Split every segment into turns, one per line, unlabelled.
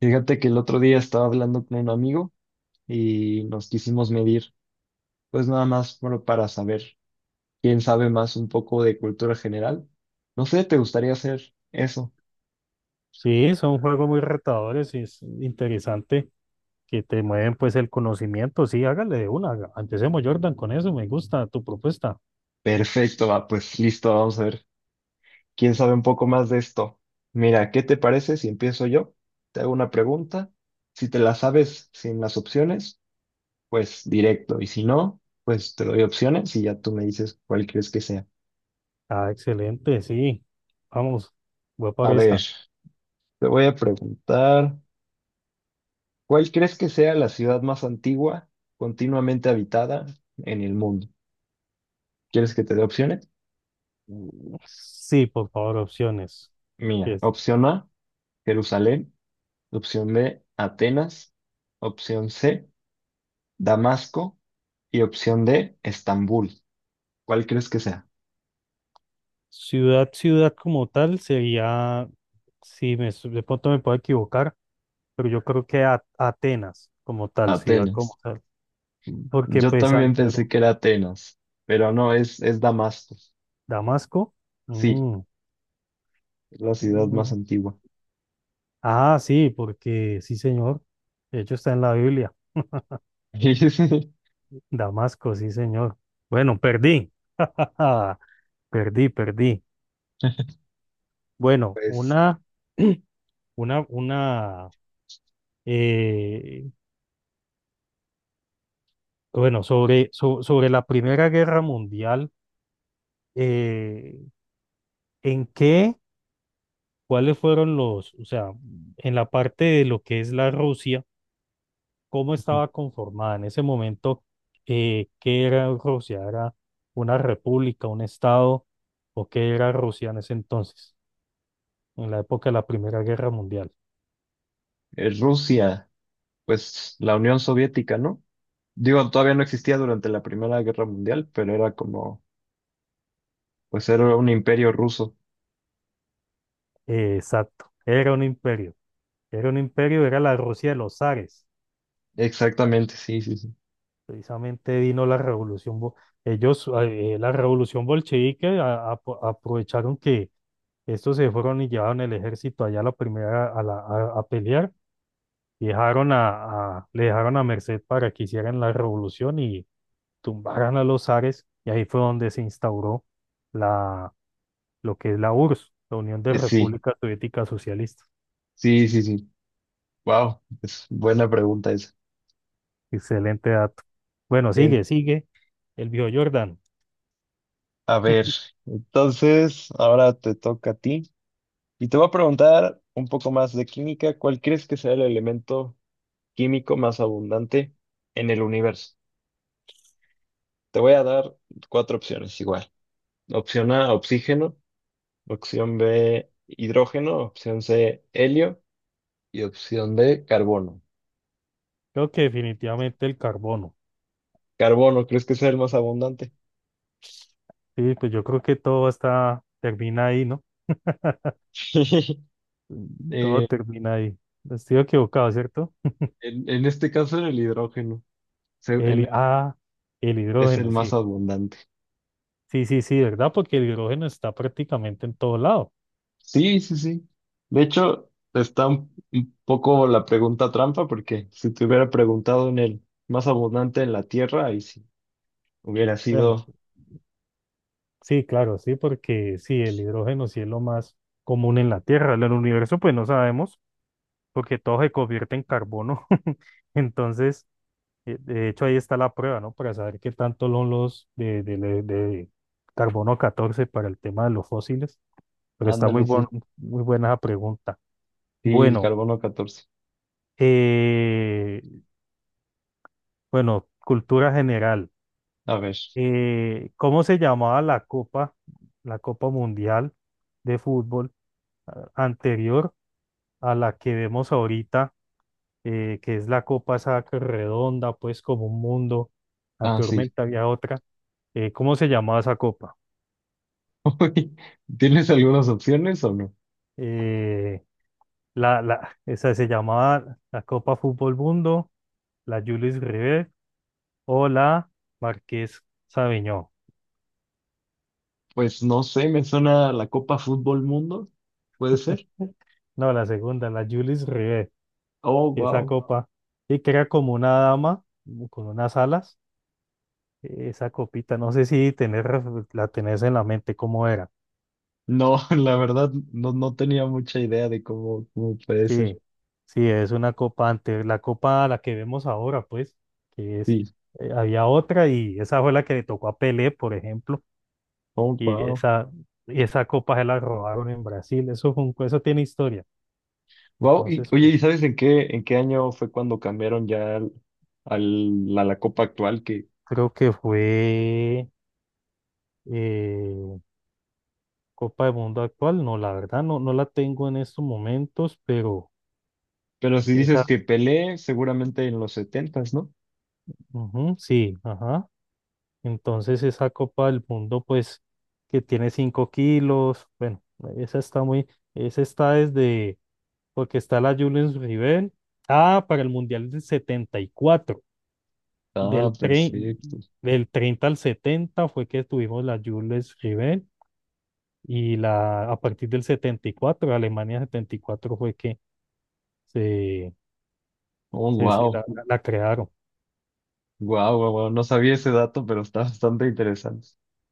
Fíjate que el otro día estaba hablando con un amigo y nos quisimos medir, pues nada más bueno, para saber quién sabe más un poco de cultura general. No sé, ¿te gustaría hacer eso?
Sí, son juegos muy retadores y es interesante que te mueven pues el conocimiento. Sí, hágale de una. Empecemos, Jordan, con eso. Me gusta tu propuesta.
Perfecto, va, pues listo, vamos a ver quién sabe un poco más de esto. Mira, ¿qué te parece si empiezo yo? Te hago una pregunta. Si te la sabes sin las opciones, pues directo. Y si no, pues te doy opciones y ya tú me dices cuál crees que sea.
Ah, excelente, sí. Vamos, voy por
A ver,
esa.
te voy a preguntar. ¿Cuál crees que sea la ciudad más antigua continuamente habitada en el mundo? ¿Quieres que te dé opciones?
Mm, sí, por favor, opciones. Que
Mira,
es
opción A, Jerusalén, opción B, Atenas, opción C, Damasco y opción D, Estambul. ¿Cuál crees que sea?
ciudad, ciudad como tal sería, sí, de pronto me puedo equivocar, pero yo creo que Atenas como tal, ciudad
Atenas.
como tal. Porque
Yo
pues
también pensé
Santiago,
que era Atenas, pero no, es Damasco.
Damasco.
Sí,
Mm,
es la ciudad más antigua.
ah, sí, porque sí, señor. De hecho, está en la Biblia. Damasco, sí, señor. Bueno, perdí. Perdí, perdí. Bueno,
Pues,
una, una, una, eh, bueno, sobre la Primera Guerra Mundial, eh, ¿en qué? ¿Cuáles fueron los, o sea, en la parte de lo que es la Rusia? Cómo estaba conformada en ese momento, qué era Rusia, era una república, un estado, o qué era Rusia en ese entonces, en la época de la Primera Guerra Mundial.
Rusia, pues la Unión Soviética, ¿no? Digo, todavía no existía durante la Primera Guerra Mundial, pero era como, pues era un imperio ruso.
Exacto, era un imperio, era un imperio, era la Rusia de los zares.
Exactamente, sí, sí, sí.
Precisamente vino la revolución, ellos, la revolución bolchevique, aprovecharon que estos se fueron y llevaron el ejército allá a la primera, a pelear. Dejaron a, le dejaron a merced para que hicieran la revolución y tumbaran a los zares, y ahí fue donde se instauró la, lo que es la URSS, la Unión de
Sí,
Repúblicas Soviéticas Socialistas.
sí, sí, sí. Wow, es buena pregunta esa.
Excelente dato. Bueno,
En-
sigue, sigue. El viejo Jordan.
a ver, entonces ahora te toca a ti. Y te voy a preguntar un poco más de química. ¿Cuál crees que sea el elemento químico más abundante en el universo? Te voy a dar cuatro opciones igual. Opción A, oxígeno. Opción B, hidrógeno. Opción C, helio. Y opción B, carbono.
Creo que definitivamente el carbono.
Carbono, ¿crees que sea el más abundante?
Sí, pues yo creo que todo está, termina ahí, ¿no? Mm, todo
Eh,
termina ahí. Estoy equivocado, ¿cierto?
en este caso, en el hidrógeno. Se- en-
El, ah, el
es el
hidrógeno,
más
sí.
abundante.
Sí, sí, sí, ¿verdad? Porque el hidrógeno está prácticamente en todo lado.
Sí, sí, sí. De hecho, está un poco la pregunta trampa, porque si te hubiera preguntado en el más abundante en la Tierra, ahí sí. Hubiera
Bueno,
sido,
sí, claro, sí, porque sí, el hidrógeno sí es lo más común en la Tierra. En el universo, pues no sabemos, porque todo se convierte en carbono. Entonces, de hecho, ahí está la prueba, ¿no? Para saber qué tanto son los de carbono 14 para el tema de los fósiles. Pero está
ándale, sí.
muy buena la pregunta.
Sí, el
Bueno,
carbono-14.
eh, bueno, cultura general.
A ver.
¿Cómo se llamaba la Copa Mundial de Fútbol anterior a la que vemos ahorita, que es la copa esa que redonda, pues como un mundo?
Ah, sí.
Anteriormente había otra. ¿Cómo se llamaba esa copa?
¿Tienes algunas opciones o no?
Eh, esa se llamaba la Copa Fútbol Mundo, la Julius Rivet o la Marqués Sabiñó.
Pues no sé, me suena la Copa Fútbol Mundo. ¿Puede ser?
No, la segunda, la Julius Rivet,
Oh,
esa
wow.
copa, y que era como una dama con unas alas. Esa copita, no sé si tener, la tenés en la mente cómo era.
No, la verdad, no, no tenía mucha idea de cómo puede ser.
Sí, sí, es una copa antes, la copa la que vemos ahora, pues, que es,
Sí.
había otra y esa fue la que le tocó a Pelé, por ejemplo,
Oh,
y
wow.
esa, y esa copa se la robaron en Brasil, eso fue un, eso tiene historia.
Wow. Y,
Entonces,
oye, ¿y
pues,
sabes en qué año fue cuando cambiaron ya a la copa actual? Que,
creo que fue eh, Copa del Mundo actual, no, la verdad, no, no la tengo en estos momentos, pero
pero si dices
esa,
que Pelé, seguramente en los 70, ¿no?
ujú, sí, ajá. Entonces esa Copa del Mundo, pues, que tiene 5 kilos, bueno, esa está muy, esa está desde, porque está la Julius Rivel, ah, para el Mundial del 74
Ah,
del, tre-
perfecto.
del 30 al 70 fue que tuvimos la Julius Rivel y la, a partir del 74 Alemania 74 fue que se,
Oh, wow.
la crearon,
Wow, wow, wow. No sabía ese dato, pero está bastante interesante.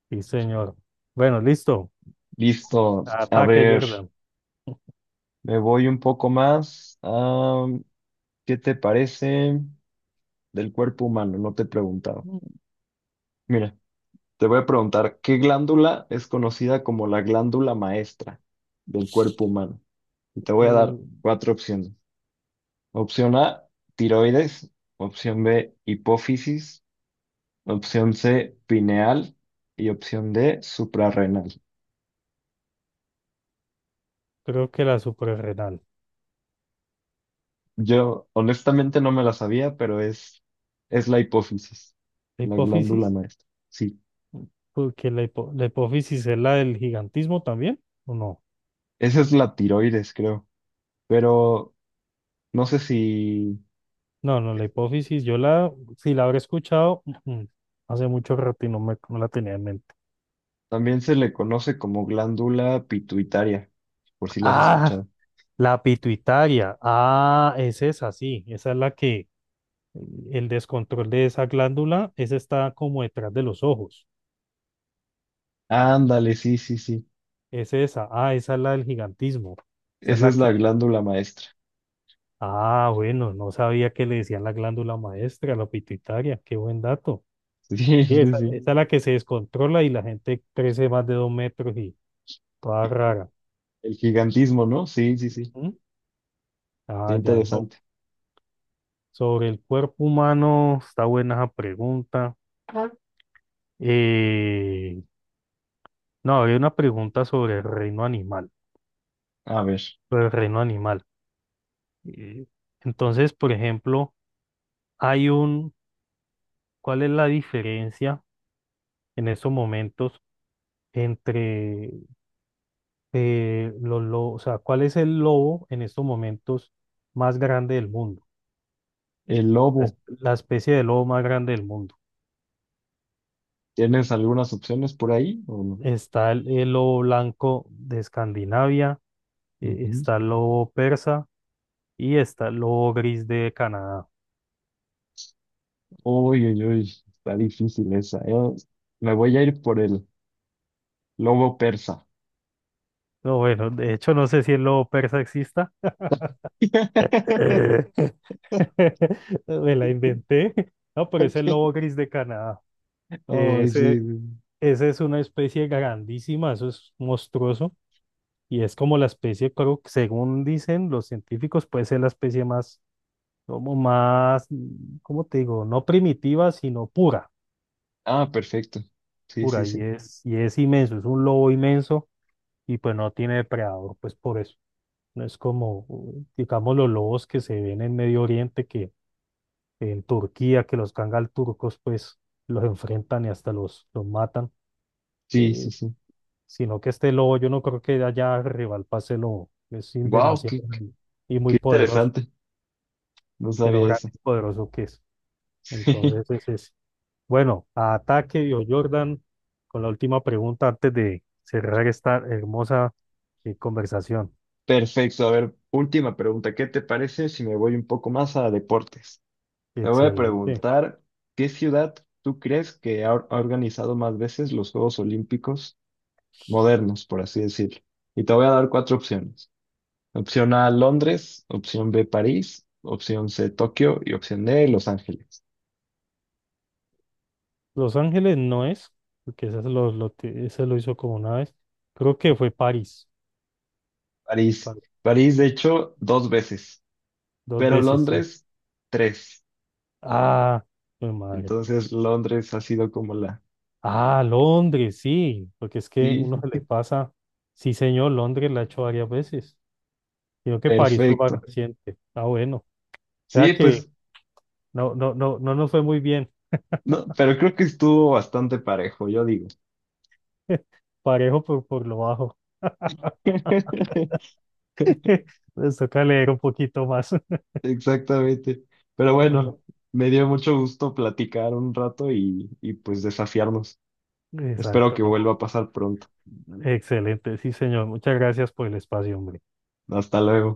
sí señor. Bueno, listo,
Listo. A
ataque
ver,
Jordan.
me voy un poco más. Ah, ¿qué te parece? Del cuerpo humano, no te he preguntado. Mira, te voy a preguntar, ¿qué glándula es conocida como la glándula maestra del cuerpo humano? Y te voy a dar
Mm,
cuatro opciones. Opción A, tiroides. Opción B, hipófisis. Opción C, pineal. Y opción D, suprarrenal.
creo que la suprarrenal.
Yo honestamente no me la sabía, pero es la hipófisis,
La
la glándula
hipófisis,
maestra. Sí,
porque la hipófisis es la del gigantismo también, ¿o no?
esa es la tiroides, creo. Pero no sé si.
No, no, la hipófisis, yo la, si la habré escuchado, ujú, hace mucho rato y no la tenía en mente.
También se le conoce como glándula pituitaria, por si lo has
Ah,
escuchado.
la pituitaria, ah, es esa, sí, esa es la que, el descontrol de esa glándula, esa está como detrás de los ojos,
Ándale, sí, sí, sí.
es esa, ah, esa es la del gigantismo, esa es
Esa
la
es la
que,
glándula maestra.
ah, bueno, no sabía que le decían la glándula maestra, la pituitaria, qué buen dato.
Sí,
Sí,
sí,
esa,
sí.
esa es la que se descontrola y la gente crece más de dos metros y toda rara.
El gigantismo, ¿no? Sí, sí, sí.
¿Mm?
Está
Ah, ya no.
interesante.
Sobre el cuerpo humano, está buena esa pregunta. Ajá. Eh, no, había una pregunta sobre el reino animal.
A ver,
Sobre el reino animal. Eh, entonces, por ejemplo, hay un, ¿cuál es la diferencia en estos momentos entre los lobos? O sea, ¿cuál es el lobo en estos momentos más grande del mundo?
el
Es
lobo.
la especie de lobo más grande del mundo.
¿Tienes algunas opciones por ahí o no?
Está el lobo blanco de Escandinavia,
Ujú.
está el lobo persa y está el lobo gris de Canadá.
Uy, uy, uy. Está difícil esa. Yo me voy a ir por el lobo persa.
No, bueno, de hecho no sé si el lobo persa exista. Eh, me la inventé. No, pero es el lobo gris de Canadá.
Ay,
Ese,
sí, sí.
ese es una especie grandísima, eso es monstruoso. Y es como la especie, creo que según dicen los científicos, puede ser la especie más como más, mm, ¿cómo te digo? No primitiva, sino pura,
Ah, perfecto. Sí, sí,
pura,
sí.
y es inmenso, es un lobo inmenso y pues no tiene depredador, pues por eso. No es como, digamos, los lobos que se ven en Medio Oriente, que en Turquía, que los kangal turcos, pues los enfrentan y hasta los matan,
Sí, sí,
eh,
sí.
sino que este lobo, yo no creo que de allá rival para ese lobo, es sin
Wow,
demasiado
qué
grande y muy poderoso,
interesante, no
de lo
sabía
grande
eso.
y poderoso que es. Entonces, es ese. Bueno, a ataque, Dio Jordan, con la última pregunta antes de cerrar esta hermosa conversación.
Perfecto, a ver, última pregunta. ¿Qué te parece si me voy un poco más a deportes? Te voy a
Excelente.
preguntar, ¿qué ciudad tú crees que ha, ha organizado más veces los Juegos Olímpicos modernos, por así decirlo? Y te voy a dar cuatro opciones. Opción A, Londres, opción B, París, opción C, Tokio y opción D, Los Ángeles.
Los Ángeles no es, porque ese ese lo hizo como una vez. Creo que fue París,
París.
pa-
París, de hecho, 2 veces,
dos
pero
veces, sí.
Londres, 3.
Ah, mi madre.
Entonces, Londres ha sido como la.
Ah, Londres, sí, porque es que
Sí,
uno se
sí,
le pasa. Sí, señor, Londres la ha hecho varias veces, sino que París fue más
perfecto.
reciente. Ah, bueno. O sea
Sí,
que
pues,
no, no, no, no nos fue muy bien.
no, pero creo que estuvo bastante parejo, yo digo.
Parejo por lo bajo. Les toca leer un poquito más.
Exactamente. Pero bueno,
Mejor.
me dio mucho gusto platicar un rato y pues desafiarnos. Espero
Exacto,
que
no.
vuelva a pasar pronto.
Excelente, sí, señor. Muchas gracias por el espacio, hombre.
Hasta luego.